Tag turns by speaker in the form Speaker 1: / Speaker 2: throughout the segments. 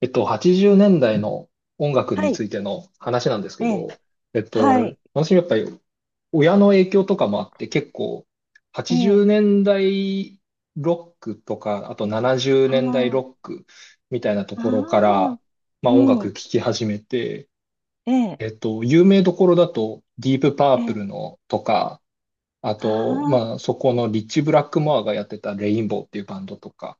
Speaker 1: 80年代の音楽
Speaker 2: は
Speaker 1: につ
Speaker 2: い。
Speaker 1: いての話なんですけ
Speaker 2: え
Speaker 1: ど、
Speaker 2: え。はい。
Speaker 1: 私やっぱり親の影響とかもあって結構、
Speaker 2: え
Speaker 1: 80年
Speaker 2: え。
Speaker 1: 代ロックとか、あと70
Speaker 2: あ
Speaker 1: 年代ロ
Speaker 2: あ。
Speaker 1: ックみたいなところか
Speaker 2: あ
Speaker 1: ら、
Speaker 2: あ。
Speaker 1: ま
Speaker 2: う
Speaker 1: あ音楽聴
Speaker 2: ん。
Speaker 1: き始めて、
Speaker 2: ええ。
Speaker 1: 有名どころだとディープパー
Speaker 2: え
Speaker 1: プ
Speaker 2: え。
Speaker 1: ルのとか、あ
Speaker 2: あ
Speaker 1: と、
Speaker 2: あ。
Speaker 1: まあそこのリッチ・ブラックモアがやってたレインボーっていうバンドとか、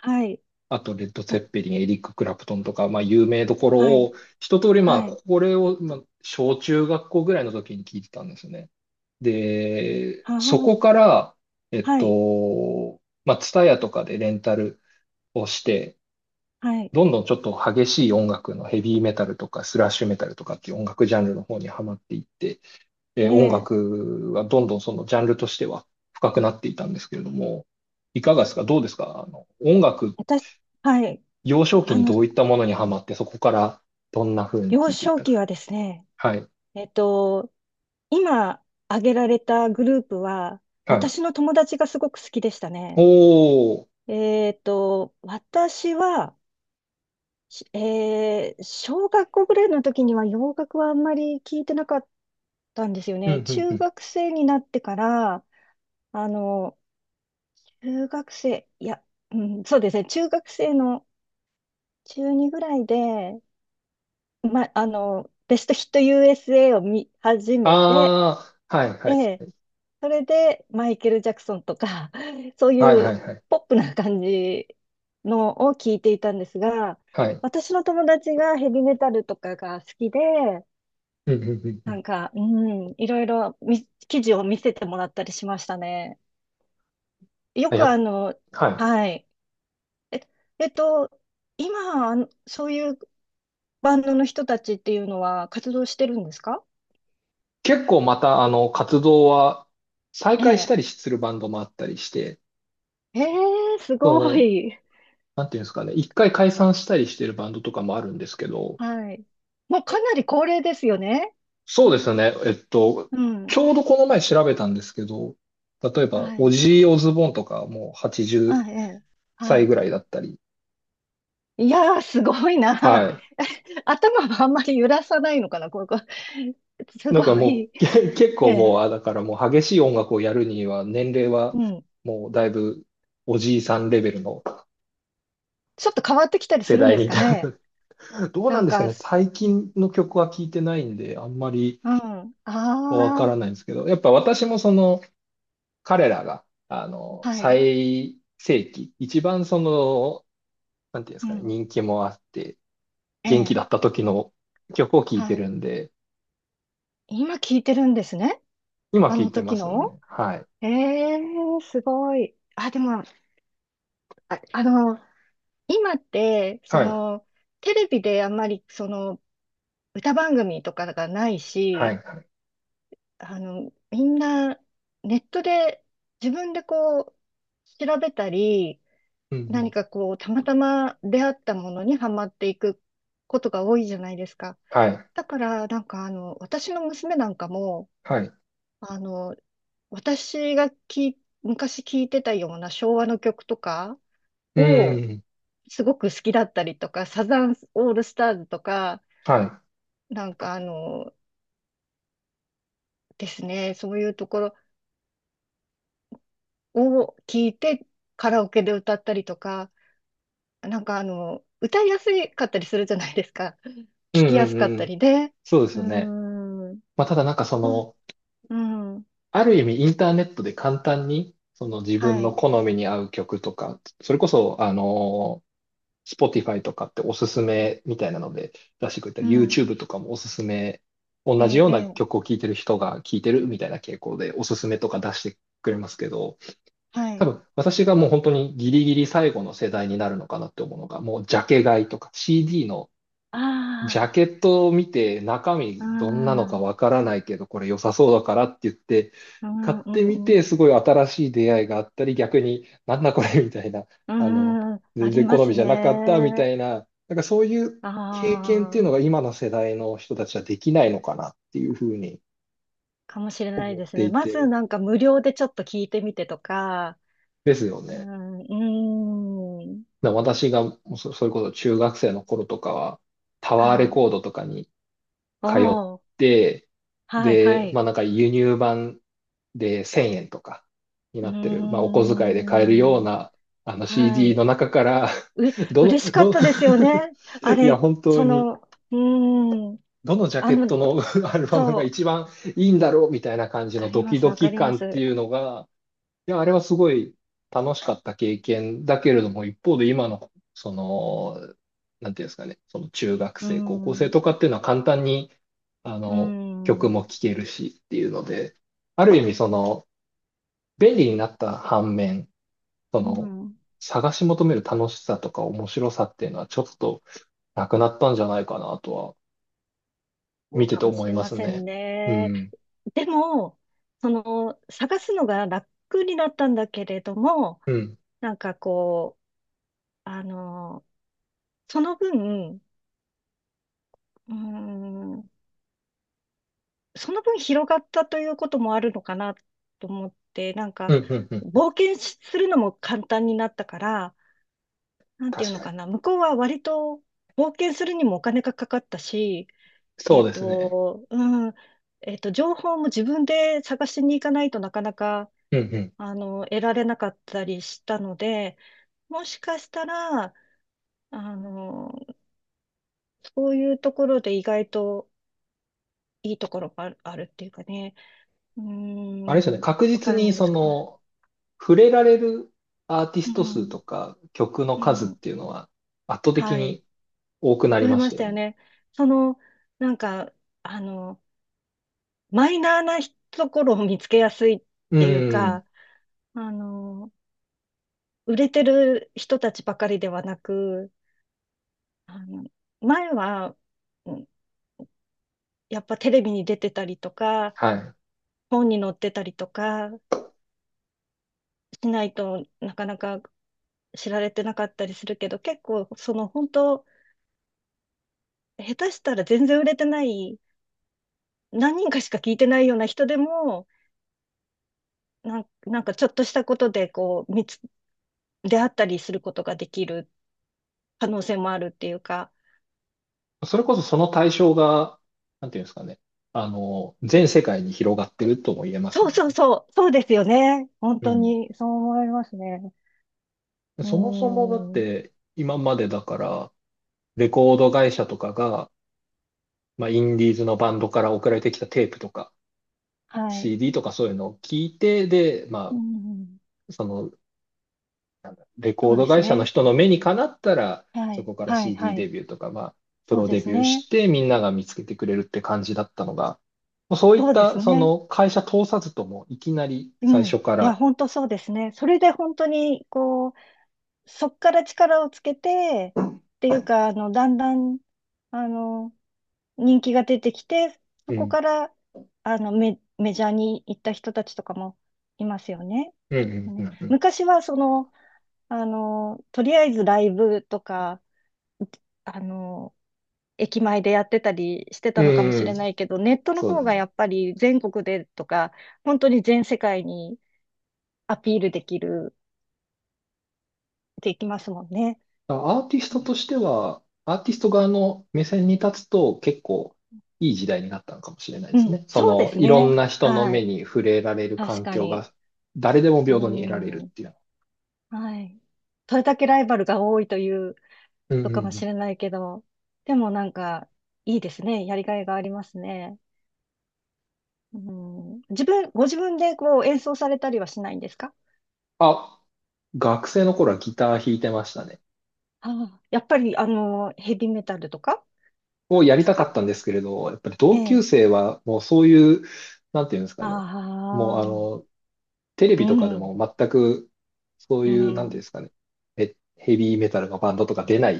Speaker 2: はい。
Speaker 1: あと、レッド・ツェッペリン、エリック・クラプトンとか、まあ、有名どころ
Speaker 2: はい。
Speaker 1: を、一通り、まあ、
Speaker 2: はい。
Speaker 1: これを、まあ、小中学校ぐらいの時に聞いてたんですよね。で、
Speaker 2: あ
Speaker 1: そこか
Speaker 2: あ。
Speaker 1: ら、
Speaker 2: はい。
Speaker 1: まあ、ツタヤとかでレンタルをして、
Speaker 2: はい。
Speaker 1: どんどんちょっと激しい音楽のヘビーメタルとかスラッシュメタルとかっていう音楽ジャンルの方にはまっていって、
Speaker 2: え
Speaker 1: 音
Speaker 2: え。
Speaker 1: 楽はどんどんそのジャンルとしては深くなっていたんですけれども、いかがですか？どうですか？音楽、
Speaker 2: 私、はい。
Speaker 1: 幼少期
Speaker 2: あ
Speaker 1: に
Speaker 2: の、
Speaker 1: どういったものにハマって、そこからどんな風に聞
Speaker 2: 幼
Speaker 1: いていっ
Speaker 2: 少
Speaker 1: た
Speaker 2: 期
Speaker 1: か。
Speaker 2: はですね、
Speaker 1: はい。
Speaker 2: えっと、今挙げられたグループは、
Speaker 1: は
Speaker 2: 私の友達がすごく好きでした
Speaker 1: い。
Speaker 2: ね。
Speaker 1: おー。
Speaker 2: 私は、しえー小学校ぐらいの時には洋楽はあんまり聞いてなかったんですよ
Speaker 1: うん、う
Speaker 2: ね。
Speaker 1: ん、う
Speaker 2: 中
Speaker 1: ん。
Speaker 2: 学生になってから、あの、中学生、いや、うん、そうですね、中学生の中2ぐらいで、ま、あの、ベストヒット USA を見始めて、
Speaker 1: あー。はい、
Speaker 2: え
Speaker 1: はい。
Speaker 2: え、それでマイケル・ジャクソンとか、そうい
Speaker 1: はい、は
Speaker 2: う
Speaker 1: い、はい。
Speaker 2: ポップな感じのを聞いていたんですが、
Speaker 1: はい。
Speaker 2: 私の友達がヘビメタルとかが好きで、
Speaker 1: うん、うん、うんう
Speaker 2: な
Speaker 1: ん。
Speaker 2: んか、うん、いろいろ記事を見せてもらったりしましたね。よ
Speaker 1: あ
Speaker 2: く
Speaker 1: やっ、はい。
Speaker 2: はい。え、えっと、今、そういうバンドの人たちっていうのは活動してるんですか？
Speaker 1: 結構また、活動は再
Speaker 2: え
Speaker 1: 開し
Speaker 2: え。
Speaker 1: たりするバンドもあったりして、
Speaker 2: ええ、す
Speaker 1: そ
Speaker 2: ご
Speaker 1: の、
Speaker 2: い。
Speaker 1: なんていうんですかね、一回解散したりしてるバンドとかもあるんですけど、
Speaker 2: はい。もうかなり高齢ですよね。
Speaker 1: そうですね。
Speaker 2: う
Speaker 1: ち
Speaker 2: ん。
Speaker 1: ょうどこの前調べたんですけど、例えば、
Speaker 2: は
Speaker 1: オ
Speaker 2: い。
Speaker 1: ジー・オズボーンとかもう80
Speaker 2: あ、ええ。は
Speaker 1: 歳ぐ
Speaker 2: い。
Speaker 1: らいだったり。
Speaker 2: いやー、すごいな。
Speaker 1: は
Speaker 2: 頭はあんまり揺らさないのかな、こう す
Speaker 1: い。な
Speaker 2: ご
Speaker 1: んかもう、
Speaker 2: い。
Speaker 1: け結
Speaker 2: え
Speaker 1: 構もう、
Speaker 2: え。
Speaker 1: あ、だからもう激しい音楽をやるには、年齢は
Speaker 2: うん。
Speaker 1: もうだいぶおじいさんレベルの
Speaker 2: ちょっと変わってきたりす
Speaker 1: 世
Speaker 2: るん
Speaker 1: 代
Speaker 2: で
Speaker 1: に
Speaker 2: す
Speaker 1: い
Speaker 2: か
Speaker 1: た。
Speaker 2: ね。
Speaker 1: どう
Speaker 2: な
Speaker 1: なん
Speaker 2: ん
Speaker 1: ですか
Speaker 2: か、
Speaker 1: ね。最近の曲は聞いてないんで、あんまり
Speaker 2: うん。
Speaker 1: わか
Speaker 2: あ
Speaker 1: らな
Speaker 2: あ、
Speaker 1: いんですけど、やっぱ私もその、彼らが、あの、
Speaker 2: はい。
Speaker 1: 最盛期、一番その、なんていうんです
Speaker 2: う
Speaker 1: かね、
Speaker 2: ん。
Speaker 1: 人気もあって、
Speaker 2: え
Speaker 1: 元気
Speaker 2: え、
Speaker 1: だった時の曲を聴い
Speaker 2: は
Speaker 1: て
Speaker 2: い。
Speaker 1: るんで、
Speaker 2: 今聞いてるんですね。
Speaker 1: 今
Speaker 2: あ
Speaker 1: 聴い
Speaker 2: の
Speaker 1: てま
Speaker 2: 時
Speaker 1: す
Speaker 2: の。
Speaker 1: ね。はい。
Speaker 2: ええ、すごい。あ、でも、あ、あの、今って、
Speaker 1: はい。
Speaker 2: テレビであんまり、歌番組とかがない
Speaker 1: はい。
Speaker 2: し、
Speaker 1: はい。
Speaker 2: みんな、ネットで自分でこう、調べたり、
Speaker 1: うんう
Speaker 2: 何
Speaker 1: ん
Speaker 2: かこう、たまたま出会ったものにハマっていくことが多いじゃないですか。
Speaker 1: はい。
Speaker 2: だから、私の娘なんかも、
Speaker 1: はい。
Speaker 2: あの、私が昔聞いてたような昭和の曲とか
Speaker 1: うんう
Speaker 2: を
Speaker 1: んうん。
Speaker 2: すごく好きだったりとか、サザンオールスターズとか、
Speaker 1: はい。
Speaker 2: なんかあの、ですね、そういうところを聞いてカラオケで歌ったりとか、歌いやすかったりするじゃないですか。
Speaker 1: う
Speaker 2: 聞
Speaker 1: ん
Speaker 2: き
Speaker 1: う
Speaker 2: や
Speaker 1: ん
Speaker 2: す
Speaker 1: う
Speaker 2: かっ
Speaker 1: んう
Speaker 2: た
Speaker 1: ん。
Speaker 2: りで、
Speaker 1: そうで
Speaker 2: う
Speaker 1: す
Speaker 2: ー
Speaker 1: よね。
Speaker 2: ん、
Speaker 1: まあ、ただなんかそ
Speaker 2: うん、
Speaker 1: の、
Speaker 2: うん、
Speaker 1: ある意味インターネットで簡単に、その自
Speaker 2: は
Speaker 1: 分の
Speaker 2: い、
Speaker 1: 好みに合う曲とか、それこそ、あの、Spotify とかっておすすめみたいなので出してくれた
Speaker 2: う
Speaker 1: り、
Speaker 2: ん、
Speaker 1: YouTube とかもおすすめ、
Speaker 2: え
Speaker 1: 同じ
Speaker 2: え、
Speaker 1: よう
Speaker 2: え
Speaker 1: な
Speaker 2: え、
Speaker 1: 曲を聴いてる人が聴いてるみたいな傾向でおすすめとか出してくれますけど、
Speaker 2: は
Speaker 1: 多
Speaker 2: い。
Speaker 1: 分私がもう本当にギリギリ最後の世代になるのかなって思うのが、もうジャケ買いとか CD のジャ
Speaker 2: あ
Speaker 1: ケットを見て中身
Speaker 2: あ、う
Speaker 1: どんなのか
Speaker 2: ん、
Speaker 1: わからないけどこれ良さそうだからって言って
Speaker 2: う
Speaker 1: 買っ
Speaker 2: ん、
Speaker 1: てみ
Speaker 2: う
Speaker 1: て
Speaker 2: ん、
Speaker 1: すごい新しい出会いがあったり、逆になんだこれみたいな、
Speaker 2: う
Speaker 1: あの、
Speaker 2: ん、うん、あ
Speaker 1: 全
Speaker 2: り
Speaker 1: 然
Speaker 2: ま
Speaker 1: 好
Speaker 2: す
Speaker 1: みじゃなかったみた
Speaker 2: ね。
Speaker 1: いな、なんかそういう
Speaker 2: あ
Speaker 1: 経験っていうのが
Speaker 2: あ、
Speaker 1: 今の世代の人たちはできないのかなっていうふうに
Speaker 2: かもしれない
Speaker 1: 思っ
Speaker 2: です
Speaker 1: て
Speaker 2: ね。
Speaker 1: い
Speaker 2: まず
Speaker 1: て
Speaker 2: なんか無料でちょっと聞いてみてとか、
Speaker 1: ですよ
Speaker 2: う
Speaker 1: ね。
Speaker 2: ん、うーん、
Speaker 1: だから私がそれこそ中学生の頃とかはタワー
Speaker 2: は
Speaker 1: レ
Speaker 2: い。
Speaker 1: コードとかに通っ
Speaker 2: おー、
Speaker 1: て、
Speaker 2: はい、は
Speaker 1: で、
Speaker 2: い。
Speaker 1: まあなんか輸入版で1000円とかに
Speaker 2: うー
Speaker 1: なってる、まあお小遣いで買えるよう
Speaker 2: ん、
Speaker 1: なあの
Speaker 2: は
Speaker 1: CD
Speaker 2: い。
Speaker 1: の中から
Speaker 2: う、
Speaker 1: どの、
Speaker 2: 嬉しかっ
Speaker 1: ど、
Speaker 2: たですよね。あ
Speaker 1: いや
Speaker 2: れ、
Speaker 1: 本当に、
Speaker 2: うーん、
Speaker 1: どのジャ
Speaker 2: あ
Speaker 1: ケット
Speaker 2: の、
Speaker 1: の アルバ
Speaker 2: そ
Speaker 1: ム
Speaker 2: う、
Speaker 1: が
Speaker 2: わ
Speaker 1: 一番いいんだろうみたいな感じ
Speaker 2: か
Speaker 1: の
Speaker 2: り
Speaker 1: ド
Speaker 2: ま
Speaker 1: キ
Speaker 2: す、
Speaker 1: ド
Speaker 2: わか
Speaker 1: キ
Speaker 2: りま
Speaker 1: 感って
Speaker 2: す。
Speaker 1: いうのが、いや、あれはすごい楽しかった経験だけれども、一方で今の、その、なんていうんですかね、その中学
Speaker 2: うー
Speaker 1: 生、高校生
Speaker 2: ん、
Speaker 1: とかっていうのは簡単に、あ
Speaker 2: うー
Speaker 1: の、曲
Speaker 2: ん、う
Speaker 1: も聴けるしっていうので、ある意味その、便利になった反面、そ
Speaker 2: ー
Speaker 1: の、
Speaker 2: ん、
Speaker 1: 探し求める楽しさとか面白さっていうのはちょっとなくなったんじゃないかなとは、
Speaker 2: そ
Speaker 1: 見
Speaker 2: う
Speaker 1: て
Speaker 2: か
Speaker 1: て
Speaker 2: もし
Speaker 1: 思い
Speaker 2: れ
Speaker 1: ま
Speaker 2: ま
Speaker 1: す
Speaker 2: せ
Speaker 1: ね。
Speaker 2: ん
Speaker 1: う
Speaker 2: ね。
Speaker 1: ん。
Speaker 2: でも、探すのが楽になったんだけれども、
Speaker 1: うん。
Speaker 2: なんかこう、あの、その分、うーん、その分広がったということもあるのかなと思って、なん
Speaker 1: う
Speaker 2: か、
Speaker 1: ん、うん、うん。
Speaker 2: 冒険するのも簡単になったから、なんていう
Speaker 1: 確
Speaker 2: の
Speaker 1: かに。
Speaker 2: かな、向こうは割と冒険するにもお金がかかったし、
Speaker 1: そうですね。
Speaker 2: うん、情報も自分で探しに行かないとなかなか、
Speaker 1: うん、うん。
Speaker 2: 得られなかったりしたので、もしかしたら、あの、そういうところで意外といいところがある、あるっていうかね、う
Speaker 1: あれですよね。
Speaker 2: ーん、
Speaker 1: 確
Speaker 2: わか
Speaker 1: 実
Speaker 2: ら
Speaker 1: に
Speaker 2: ないで
Speaker 1: そ
Speaker 2: すか？
Speaker 1: の、触れられるアーティ
Speaker 2: う
Speaker 1: スト数
Speaker 2: ん、
Speaker 1: とか曲の
Speaker 2: う
Speaker 1: 数っ
Speaker 2: ん、
Speaker 1: ていうのは圧倒的
Speaker 2: はい、
Speaker 1: に多くなり
Speaker 2: 増え
Speaker 1: まし
Speaker 2: まし
Speaker 1: た
Speaker 2: た
Speaker 1: よ
Speaker 2: よ
Speaker 1: ね。
Speaker 2: ね。その、なんか、あの、マイナーなところを見つけやすいっ
Speaker 1: う
Speaker 2: ていう
Speaker 1: ん。
Speaker 2: か、あの、売れてる人たちばかりではなく、あの、前は、うんやっぱテレビに出てたりとか、
Speaker 1: は
Speaker 2: 本に載ってたりとかしないとなかなか知られてなかったりするけど、結構、本当、下手したら全然売れてない、何人かしか聞いてないような人でも、なんかちょっとしたことでこう、出会ったりすることができる可能性もあるっていうか、
Speaker 1: い。それこそその対象が、なんていうんですかね。あの、全世界に広がってるとも言えます
Speaker 2: そう
Speaker 1: もん
Speaker 2: そう
Speaker 1: ね。
Speaker 2: そう、そうですよね。本
Speaker 1: う
Speaker 2: 当
Speaker 1: ん。
Speaker 2: に、そう思いますね。う
Speaker 1: そもそもだっ
Speaker 2: ーん、
Speaker 1: て今までだから、レコード会社とかが、まあ、インディーズのバンドから送られてきたテープとか、
Speaker 2: はい。
Speaker 1: CD とかそういうのを聞いて、で、
Speaker 2: う
Speaker 1: ま
Speaker 2: ん、
Speaker 1: あ、そのレコ
Speaker 2: そ
Speaker 1: ー
Speaker 2: うで
Speaker 1: ド
Speaker 2: す
Speaker 1: 会社の
Speaker 2: ね。
Speaker 1: 人の目にかなったら、
Speaker 2: は
Speaker 1: そ
Speaker 2: い、
Speaker 1: こから
Speaker 2: はい、
Speaker 1: CD
Speaker 2: はい。
Speaker 1: デビューとか、まあ、プ
Speaker 2: そう
Speaker 1: ロ
Speaker 2: で
Speaker 1: デ
Speaker 2: す
Speaker 1: ビュー
Speaker 2: ね。
Speaker 1: してみんなが見つけてくれるって感じだったのが、もうそういっ
Speaker 2: そうで
Speaker 1: た
Speaker 2: す
Speaker 1: そ
Speaker 2: ね。
Speaker 1: の会社通さずともいきなり
Speaker 2: う
Speaker 1: 最
Speaker 2: ん。
Speaker 1: 初か
Speaker 2: いや、
Speaker 1: ら、
Speaker 2: 本当そうですね。それで本当に、こう、そっから力をつけて、っていうか、だんだん、あの、人気が出てきて、そ
Speaker 1: う
Speaker 2: こ
Speaker 1: ん、
Speaker 2: から、メジャーに行った人たちとかもいますよね。
Speaker 1: う
Speaker 2: きっと
Speaker 1: ん、うん、う
Speaker 2: ね。
Speaker 1: ん、うん、
Speaker 2: 昔は、とりあえずライブとか、あの、駅前でやってたりして
Speaker 1: う
Speaker 2: たのかもし
Speaker 1: んう
Speaker 2: れ
Speaker 1: ん
Speaker 2: ないけど、ネットの
Speaker 1: そうで
Speaker 2: 方
Speaker 1: す
Speaker 2: が
Speaker 1: ね。
Speaker 2: やっぱり全国でとか、本当に全世界にアピールできる、できますもんね。
Speaker 1: だからアーティストとしては、アーティスト側の目線に立つと結構いい時代になったのかもしれないで
Speaker 2: う
Speaker 1: すね。
Speaker 2: ん、
Speaker 1: そ
Speaker 2: そうで
Speaker 1: の、
Speaker 2: す
Speaker 1: いろん
Speaker 2: ね。
Speaker 1: な人の
Speaker 2: は
Speaker 1: 目
Speaker 2: い。
Speaker 1: に触れられる
Speaker 2: 確
Speaker 1: 環
Speaker 2: か
Speaker 1: 境
Speaker 2: に。
Speaker 1: が誰でも
Speaker 2: う
Speaker 1: 平等に得られるっ
Speaker 2: ん。
Speaker 1: ていうの。
Speaker 2: はい。それだけライバルが多いという
Speaker 1: うん、う
Speaker 2: とかも
Speaker 1: ん、う
Speaker 2: し
Speaker 1: ん。
Speaker 2: れないけど、でもなんか、いいですね。やりがいがありますね。うん、ご自分でこう演奏されたりはしないんですか？
Speaker 1: あ、学生の頃はギター弾いてましたね。
Speaker 2: ああ、やっぱり、ヘビーメタルとか
Speaker 1: をや
Speaker 2: で
Speaker 1: り
Speaker 2: す
Speaker 1: たか
Speaker 2: か？
Speaker 1: ったんですけれど、やっぱり
Speaker 2: え
Speaker 1: 同級
Speaker 2: え。
Speaker 1: 生はもうそういう、なんていうんですか
Speaker 2: あ
Speaker 1: ね。もうあ
Speaker 2: あ、
Speaker 1: の、テレ
Speaker 2: う
Speaker 1: ビとかで
Speaker 2: ん、
Speaker 1: も全くそう
Speaker 2: う
Speaker 1: いう、なんていうんで
Speaker 2: ん、
Speaker 1: すかね。ヘビーメタルのバンドとか出ないっ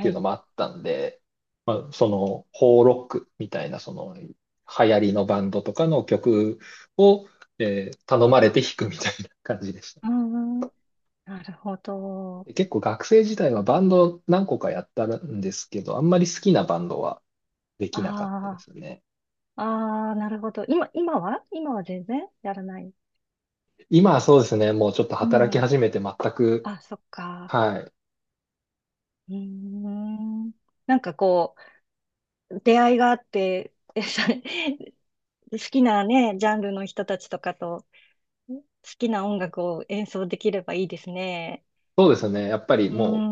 Speaker 1: ていうの
Speaker 2: い。
Speaker 1: もあったんで、まあ、その、ホーロックみたいな、その、流行りのバンドとかの曲を、頼まれて弾くみたいな感じでした。
Speaker 2: うん、なるほど。
Speaker 1: で結構学生時代はバンド何個かやったんですけど、あんまり好きなバンドはできなかったで
Speaker 2: あ
Speaker 1: すね。
Speaker 2: あ、ああ、なるほど。今は全然やらない。
Speaker 1: 今はそうですね、もうちょっと
Speaker 2: う
Speaker 1: 働き
Speaker 2: ん。
Speaker 1: 始めて全く、
Speaker 2: あ、そっか。
Speaker 1: はい。
Speaker 2: うーん。なんかこう、出会いがあって、でそれ好きなね、ジャンルの人たちとかと、好きな音楽を演奏できればいいですね。
Speaker 1: そうですね、やっぱり
Speaker 2: うー
Speaker 1: も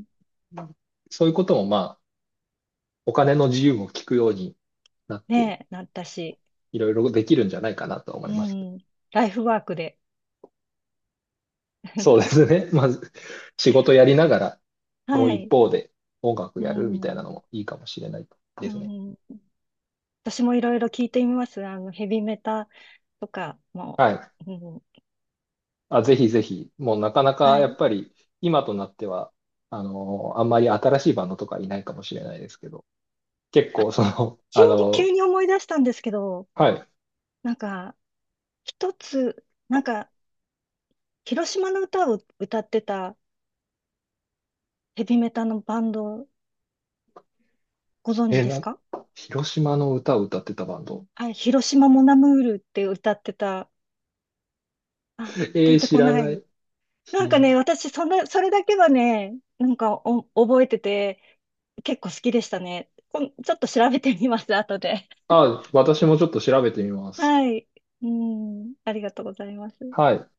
Speaker 2: ん。
Speaker 1: う、そういうこともまあ、お金の自由も聞くようになって、
Speaker 2: ねえ、なったし。
Speaker 1: いろいろできるんじゃないかなと思います。
Speaker 2: うん。ライフワークで。
Speaker 1: そうで すね、まず、仕事やりながら、もう
Speaker 2: は
Speaker 1: 一
Speaker 2: い。
Speaker 1: 方で音楽
Speaker 2: う
Speaker 1: やるみたいな
Speaker 2: ん、
Speaker 1: のもいいかもしれないで
Speaker 2: う
Speaker 1: すね。
Speaker 2: ん、私もいろいろ聞いてみます。ヘビメタとかも。
Speaker 1: はい。
Speaker 2: うん。
Speaker 1: あ、ぜひぜひ、もうなかなか
Speaker 2: は
Speaker 1: やっ
Speaker 2: い。
Speaker 1: ぱり、今となっては、あの、あんまり新しいバンドとかいないかもしれないですけど、結
Speaker 2: あ、
Speaker 1: 構その、
Speaker 2: 急
Speaker 1: あ
Speaker 2: に、急
Speaker 1: の、
Speaker 2: に思い出したんですけど、
Speaker 1: はい。
Speaker 2: なんか、一つ、なんか、広島の歌を歌ってたヘビメタのバンド、ご存知
Speaker 1: え、
Speaker 2: です
Speaker 1: な、
Speaker 2: か？
Speaker 1: 広島の歌を歌ってたバンド。
Speaker 2: はい、広島モナムールって歌ってた。あ、歌
Speaker 1: え
Speaker 2: っ
Speaker 1: ー、
Speaker 2: て
Speaker 1: 知
Speaker 2: こ
Speaker 1: ら
Speaker 2: な
Speaker 1: な
Speaker 2: い。
Speaker 1: い。
Speaker 2: なんかね、
Speaker 1: 広、
Speaker 2: 私、そんな、それだけはね、なんか覚えてて、結構好きでしたね。ちょっと調べてみます、後で。
Speaker 1: あ、私もちょっと調べてみま す。
Speaker 2: はい。うん、ありがとうございます。
Speaker 1: はい。